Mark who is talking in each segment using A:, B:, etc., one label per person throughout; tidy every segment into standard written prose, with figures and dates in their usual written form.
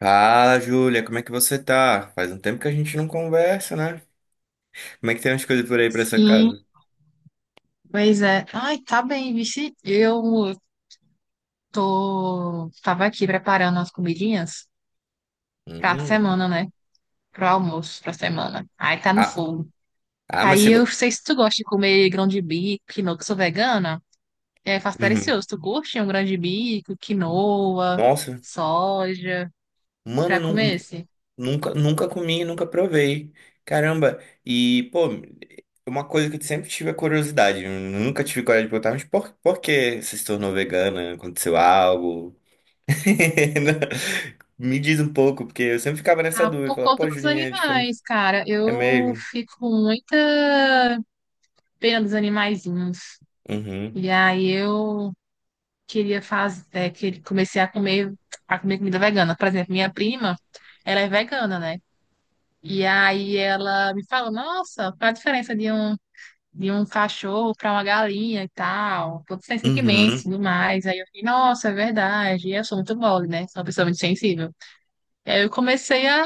A: Fala, Júlia, como é que você tá? Faz um tempo que a gente não conversa, né? Como é que tem as coisas por aí pra essa
B: Sim,
A: casa?
B: pois é. Ai, tá bem, vixe. Eu tava aqui preparando as comidinhas pra
A: Hum.
B: semana, né? Pro almoço, pra semana. Aí tá no
A: Ah,
B: fogo.
A: ah, mas
B: Aí
A: você.
B: eu sei se tu gosta de comer grão de bico, quinoa, que eu sou vegana. É, faço
A: Uhum.
B: delicioso. Tu curte um grão de bico, quinoa,
A: Nossa,
B: soja,
A: mano,
B: pra comer esse?
A: nunca comi, nunca provei. Caramba, e, pô, uma coisa que eu sempre tive a curiosidade, eu nunca tive coragem de perguntar, mas por que você se tornou vegana? Aconteceu algo? Me diz um pouco, porque eu sempre ficava nessa
B: Ah,
A: dúvida,
B: por
A: falava,
B: conta
A: pô,
B: dos
A: Julinha, é diferente.
B: animais, cara.
A: É
B: Eu
A: mesmo?
B: fico com muita pena dos animaizinhos.
A: Uhum.
B: E aí eu queria fazer, que comecei a comer, comida vegana. Por exemplo, minha prima, ela é vegana, né? E aí ela me falou, nossa, qual a diferença de um cachorro para uma galinha e tal? Todos são sentimentos e
A: Uhum.
B: tudo mais. Aí eu fiquei, nossa, é verdade. E eu sou muito mole, né? Sou uma pessoa muito sensível. E aí eu comecei a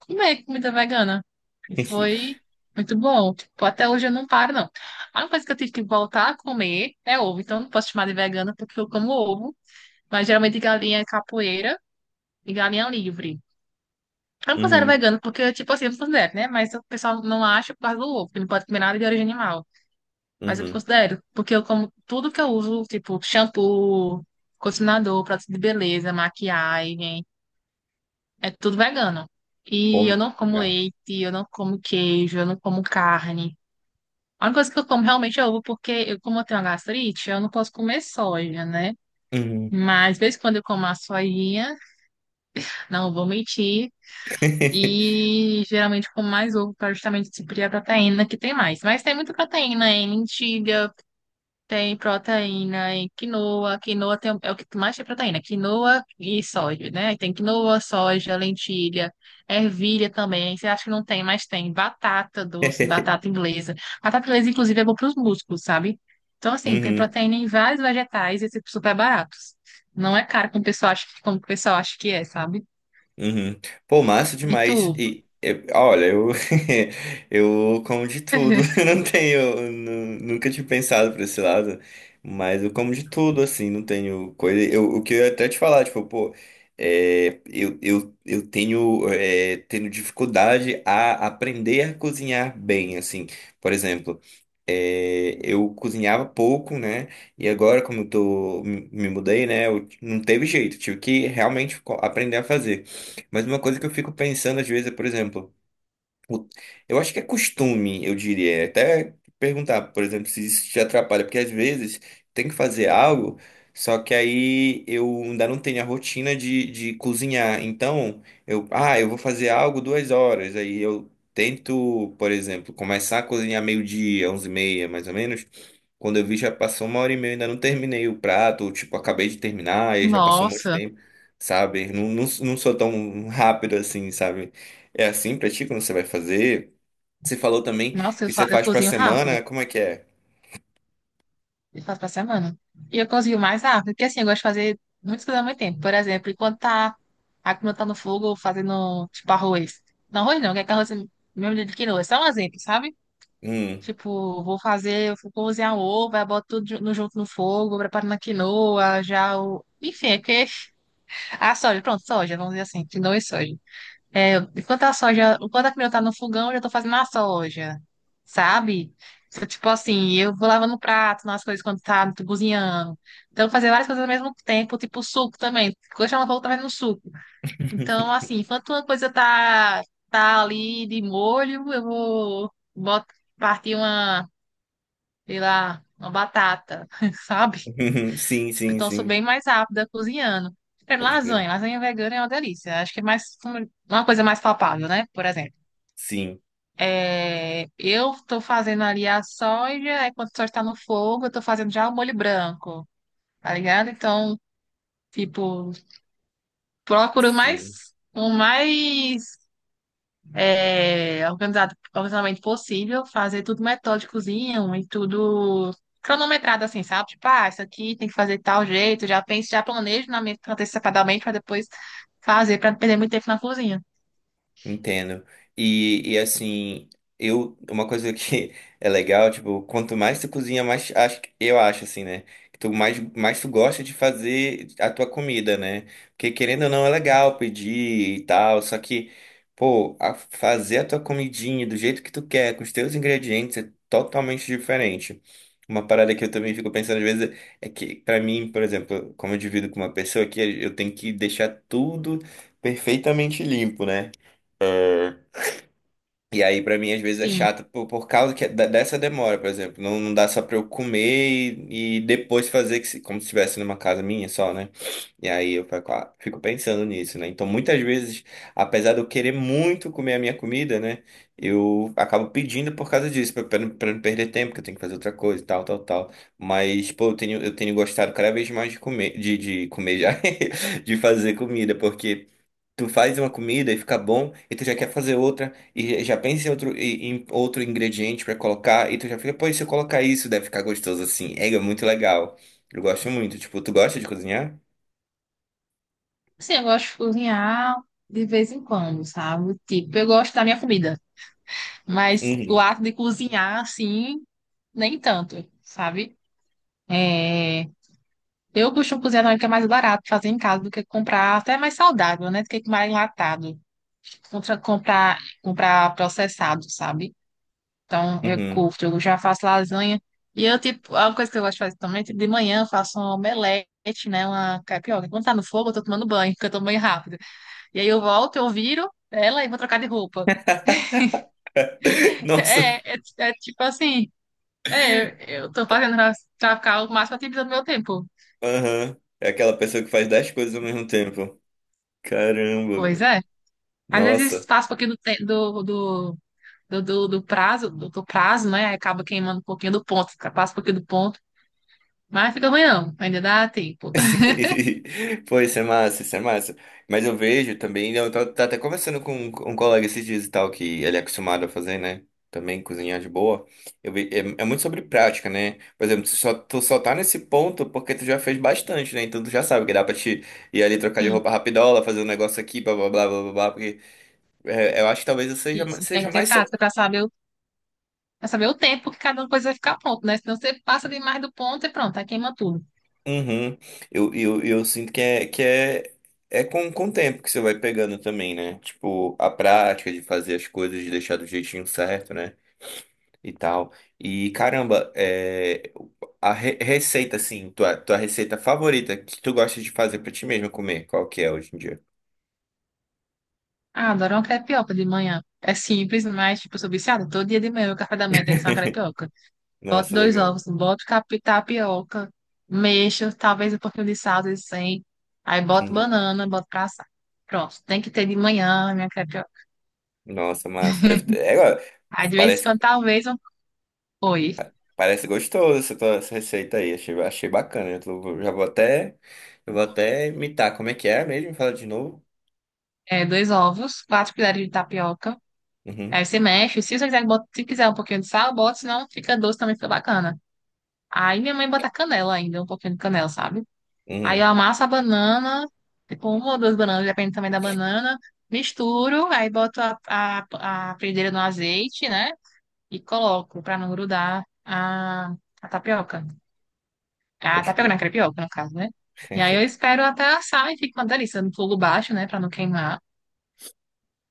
B: comer comida vegana. E foi muito bom. Tipo, até hoje eu não paro, não. A única coisa que eu tive que voltar a comer é ovo. Então eu não posso chamar de vegana porque eu como ovo. Mas geralmente galinha é capoeira e galinha livre. Eu não considero
A: Uhum,
B: vegano porque, tipo assim, eu não considero, né? Mas o pessoal não acha por causa do ovo, que não pode comer nada de origem animal. Mas eu
A: uhum.
B: considero, porque eu como tudo que eu uso, tipo shampoo, condicionador, produto de beleza, maquiagem, é tudo vegano.
A: Pô,
B: E eu não como
A: legal.
B: leite, eu não como queijo, eu não como carne. A única coisa que eu como realmente é ovo, como eu tenho uma gastrite, eu não posso comer soja, né?
A: Uhum.
B: Mas de vez em quando eu como a sojinha, não vou mentir. E geralmente com mais ovo para justamente suprir a proteína que tem mais. Mas tem muita proteína em lentilha, tem proteína em quinoa. Quinoa tem, é o que mais tem proteína, quinoa e soja, né? Tem quinoa, soja, lentilha, ervilha também. Você acha que não tem, mas tem batata doce, batata inglesa. Batata inglesa, inclusive, é bom para os músculos, sabe? Então, assim, tem
A: Uhum,
B: proteína em vários vegetais e esses super baratos. Não é caro como o pessoal acha, como o pessoal acha que é, sabe?
A: uhum. Pô, massa
B: E tu?
A: demais. Olha, eu, eu como de tudo. Eu não tenho, nunca tinha pensado por esse lado, mas eu como de tudo, assim, não tenho coisa. O que eu ia até te falar, tipo, pô, eu tenho, tenho dificuldade a aprender a cozinhar bem, assim. Por exemplo. É, eu cozinhava pouco, né? E agora, como eu tô, me mudei, né? Não teve jeito, tive que realmente aprender a fazer. Mas uma coisa que eu fico pensando às vezes é, por exemplo, o- eu acho que é costume, eu diria. É Até perguntar, por exemplo, se isso te atrapalha, porque às vezes tem que fazer algo, só que aí eu ainda não tenho a rotina de cozinhar. Então, eu vou fazer algo 2 horas. Aí eu tento, por exemplo, começar a cozinhar meio-dia, 11:30, mais ou menos. Quando eu vi, já passou uma hora e meia, ainda não terminei o prato, ou, tipo, acabei de terminar, e já passou um monte de
B: Nossa,
A: tempo, sabe? Não sou tão rápido assim, sabe? É assim pra ti quando você vai fazer? Você falou também
B: nossa, eu,
A: que você
B: fa- eu
A: faz pra
B: cozinho rápido.
A: semana, como é que é?
B: Eu faço pra semana. E eu cozinho mais rápido, porque assim, eu gosto de fazer muitas coisas ao mesmo tempo. Por exemplo, enquanto a comida tá no fogo, fazendo, tipo, arroz. Não, arroz não, que é que arroz é mesmo de quinoa. É só um exemplo, sabe?
A: Hum.
B: Tipo, vou cozinhar um ovo, aí boto tudo junto no fogo, preparo na quinoa, já o. Enfim, é que. A soja, pronto, soja, vamos dizer assim, quinoa e soja. É, enquanto a quinoa tá no fogão, eu já tô fazendo a soja, sabe? Então, tipo assim, eu vou lavando o prato, nas coisas quando tá cozinhando. Então, fazer várias coisas ao mesmo tempo, tipo suco também. Quando chama fogo, tá fazendo suco. Então, assim, enquanto uma coisa tá ali de molho, eu vou boto, partir uma sei lá, uma batata, sabe?
A: Sim,
B: Tipo,
A: sim,
B: então eu sou
A: sim.
B: bem mais rápida cozinhando. Por exemplo,
A: Pode crer.
B: lasanha vegana é uma delícia. Acho que é mais uma coisa mais palpável, né? Por exemplo,
A: Sim,
B: eu tô fazendo ali a soja, aí quando a soja tá no fogo, eu tô fazendo já o molho branco, tá ligado? Então, tipo, procuro
A: sim.
B: mais o mais é, organizado, organizadamente possível, fazer tudo metódicozinho e tudo cronometrado, assim, sabe? Tipo, ah, isso aqui tem que fazer de tal jeito, já penso, já planejo na minha antecipadamente para depois fazer, para não perder muito tempo na cozinha.
A: Entendo. E assim, eu, uma coisa que é legal, tipo, quanto mais tu cozinha, mais acho, eu acho assim, né? Que mais tu gosta de fazer a tua comida, né? Porque querendo ou não é legal pedir e tal, só que, pô, fazer a tua comidinha do jeito que tu quer, com os teus ingredientes, é totalmente diferente. Uma parada que eu também fico pensando às vezes é que, pra mim, por exemplo, como eu divido com uma pessoa aqui, eu tenho que deixar tudo perfeitamente limpo, né? E aí, pra mim, às vezes é
B: Sim.
A: chato por causa que, dessa demora, por exemplo. Não, dá só pra eu comer e depois fazer que se- como se estivesse numa casa minha só, né? E aí eu fico, ah, fico pensando nisso, né? Então, muitas vezes, apesar de eu querer muito comer a minha comida, né? Eu acabo pedindo por causa disso, pra não perder tempo, que eu tenho que fazer outra coisa e tal, tal, tal. Mas, pô, eu tenho gostado cada vez mais de comer, de fazer comida, porque. Tu faz uma comida e fica bom, e tu já quer fazer outra, e já pensa em outro, em outro ingrediente pra colocar, e tu já fica, pô, e se eu colocar isso, deve ficar gostoso assim. É, é muito legal. Eu gosto muito. Tipo, tu gosta de cozinhar?
B: Sim, eu gosto de cozinhar de vez em quando, sabe? Tipo, eu gosto da minha comida, mas o
A: Uhum,
B: ato de cozinhar, assim, nem tanto, sabe? É... Eu costumo cozinhar também, que é mais barato fazer em casa do que comprar, até é mais saudável, né? Do que comprar enlatado. Contra comprar processado, sabe? Então, eu
A: uhum.
B: curto, eu já faço lasanha. E eu, tipo, é uma coisa que eu gosto de fazer também, tipo, de manhã eu faço um omelete, né? Uma crepioca. Quando tá no fogo, eu tô tomando banho, porque eu tomo banho rápido. E aí eu volto, eu viro ela e vou trocar de roupa.
A: Nossa,
B: É tipo assim, é, eu tô fazendo pra, ficar o máximo ativo do meu tempo.
A: aham. É aquela pessoa que faz 10 coisas ao mesmo tempo. Caramba,
B: Pois
A: velho.
B: é. Às vezes
A: Nossa.
B: faço um pouquinho do prazo, né? Aí acaba queimando um pouquinho do ponto, passa um pouquinho do ponto. Mas fica ruim não, ainda dá tempo.
A: Pô, isso é massa, isso é massa. Mas eu vejo também, eu tô, tá até conversando com um colega esses dias e tal, que ele é acostumado a fazer, né? Também cozinhar de boa. Eu vi, é, é muito sobre prática, né? Por exemplo, tu só tá nesse ponto porque tu já fez bastante, né? Então tu já sabe que dá pra te ir ali trocar de
B: Sim,
A: roupa rapidola, fazer um negócio aqui, blá blá blá blá blá, blá porque é, eu acho que talvez
B: isso. Tem
A: seja
B: que ter
A: mais.
B: prática para Pra saber o tempo que cada coisa vai ficar pronto, né? Senão você passa demais do ponto e pronto, aí queima tudo.
A: Uhum. Eu sinto que é, é com o tempo que você vai pegando também, né? Tipo, a prática de fazer as coisas, de deixar do jeitinho certo, né? E tal. E caramba, é, receita, assim, tua receita favorita que tu gosta de fazer pra ti mesma comer, qual que é hoje em dia?
B: Ah, adoro uma crepioca de manhã. É simples, mas, tipo, eu sou viciada. Todo dia de manhã, o café da manhã tem que ser uma crepioca. Boto
A: Nossa,
B: dois
A: legal.
B: ovos, boto tapioca, mexo, talvez um pouquinho de sal, de sem. Aí boto
A: Uhum.
B: banana, boto pra assar. Pronto, tem que ter de manhã a minha crepioca.
A: Nossa, massa. Deve ter. É, ó,
B: Aí, de vez em
A: parece
B: quando, talvez, um... Oi,
A: parece gostoso essa, essa receita aí. Achei bacana. Eu vou até imitar. Como é que é mesmo? Fala de novo.
B: dois ovos, quatro colheres de tapioca.
A: Uhum,
B: Aí você mexe. Se você quiser, se quiser um pouquinho de sal, bota, senão fica doce também, fica bacana. Aí minha mãe bota canela ainda, um pouquinho de canela, sabe? Aí
A: uhum.
B: eu amasso a banana, tipo uma ou duas bananas, depende também da banana. Misturo, aí boto a frigideira no azeite, né? E coloco pra não grudar a tapioca. A
A: Pode
B: tapioca não, a
A: crer.
B: crepioca, no caso, né? E aí eu espero até assar e fica uma delícia no fogo baixo, né? Pra não queimar.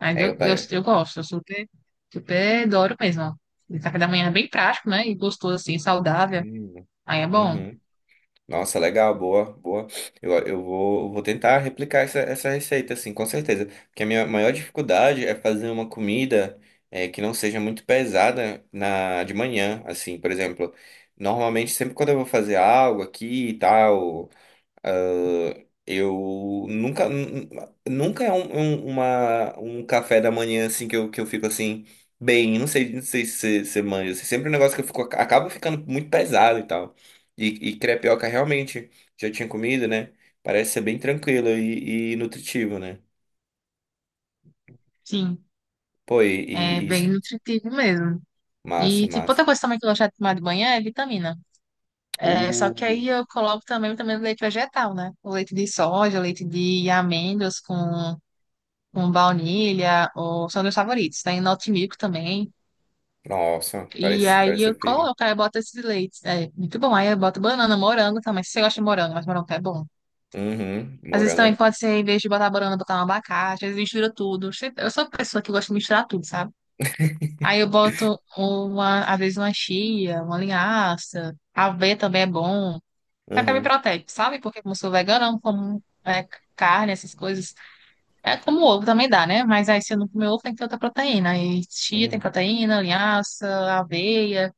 B: Mas
A: É,
B: eu,
A: eu
B: eu,
A: parei.
B: eu gosto, eu super, super adoro mesmo. Ó. E café da manhã é bem prático, né? E gostoso, assim, saudável.
A: Hum,
B: Aí é bom.
A: uhum. Nossa, legal, boa, boa. Eu vou tentar replicar essa receita, assim, com certeza. Porque a minha maior dificuldade é fazer uma comida é, que não seja muito pesada na, de manhã, assim, por exemplo. Normalmente, sempre quando eu vou fazer algo aqui e tal, ah, eu nunca, nun- nunca é um café da manhã assim que eu fico assim, bem, não sei, não sei se você manja, assim, sempre um negócio que eu fico, acabo ficando muito pesado e tal. E crepioca realmente já tinha comido, né? Parece ser bem tranquilo e nutritivo, né?
B: Sim,
A: Pô,
B: é
A: e isso,
B: bem nutritivo mesmo.
A: massa,
B: E, tipo,
A: massa.
B: outra coisa também que eu gosto de tomar de manhã é vitamina. É, só
A: Uh,
B: que aí eu coloco também o vitamina do leite vegetal, né? O leite de soja, o leite de amêndoas com baunilha, ou, são meus favoritos. Tem Noti Milk também.
A: nossa,
B: E
A: parece,
B: aí
A: parece
B: eu
A: ser firme.
B: coloco, aí eu boto esses leites. É muito bom. Aí eu boto banana, morango também. Se você gosta de morango, mas morango é bom.
A: Uhum,
B: Às vezes
A: morango.
B: também pode ser, em vez de botar banana, botar um abacate, às vezes mistura tudo. Eu sou uma pessoa que gosta de misturar tudo, sabe? Aí eu boto uma, às vezes uma chia, uma linhaça, aveia também é bom. Até me
A: Uhum,
B: protege, sabe? Porque como eu sou vegana, eu não como carne, essas coisas. É como ovo também dá, né? Mas aí se eu não comer ovo, tem que ter outra proteína. Aí chia tem
A: uhum,
B: proteína, linhaça, aveia.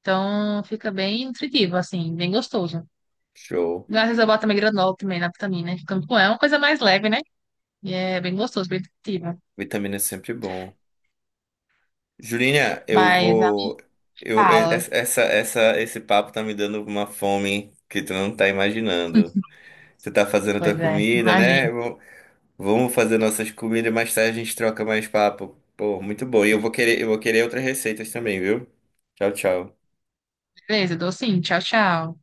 B: Então fica bem nutritivo, assim, bem gostoso.
A: show.
B: Às vezes eu boto também granola também na vitamina, né? É uma coisa mais leve, né? E é bem gostoso, bem nutritivo.
A: Vitamina é sempre bom. Julinha, eu
B: Mas ela
A: vou.
B: me
A: Eu, e-
B: fala.
A: essa- esse papo tá me dando uma fome que tu não tá imaginando. Tu tá fazendo tua
B: Pois é,
A: comida, né?
B: imagina.
A: Vamos fazer nossas comidas, mais tarde a gente troca mais papo. Pô, muito bom. Eu vou querer outras receitas também, viu? Tchau, tchau.
B: Beleza, dou sim. Tchau, tchau.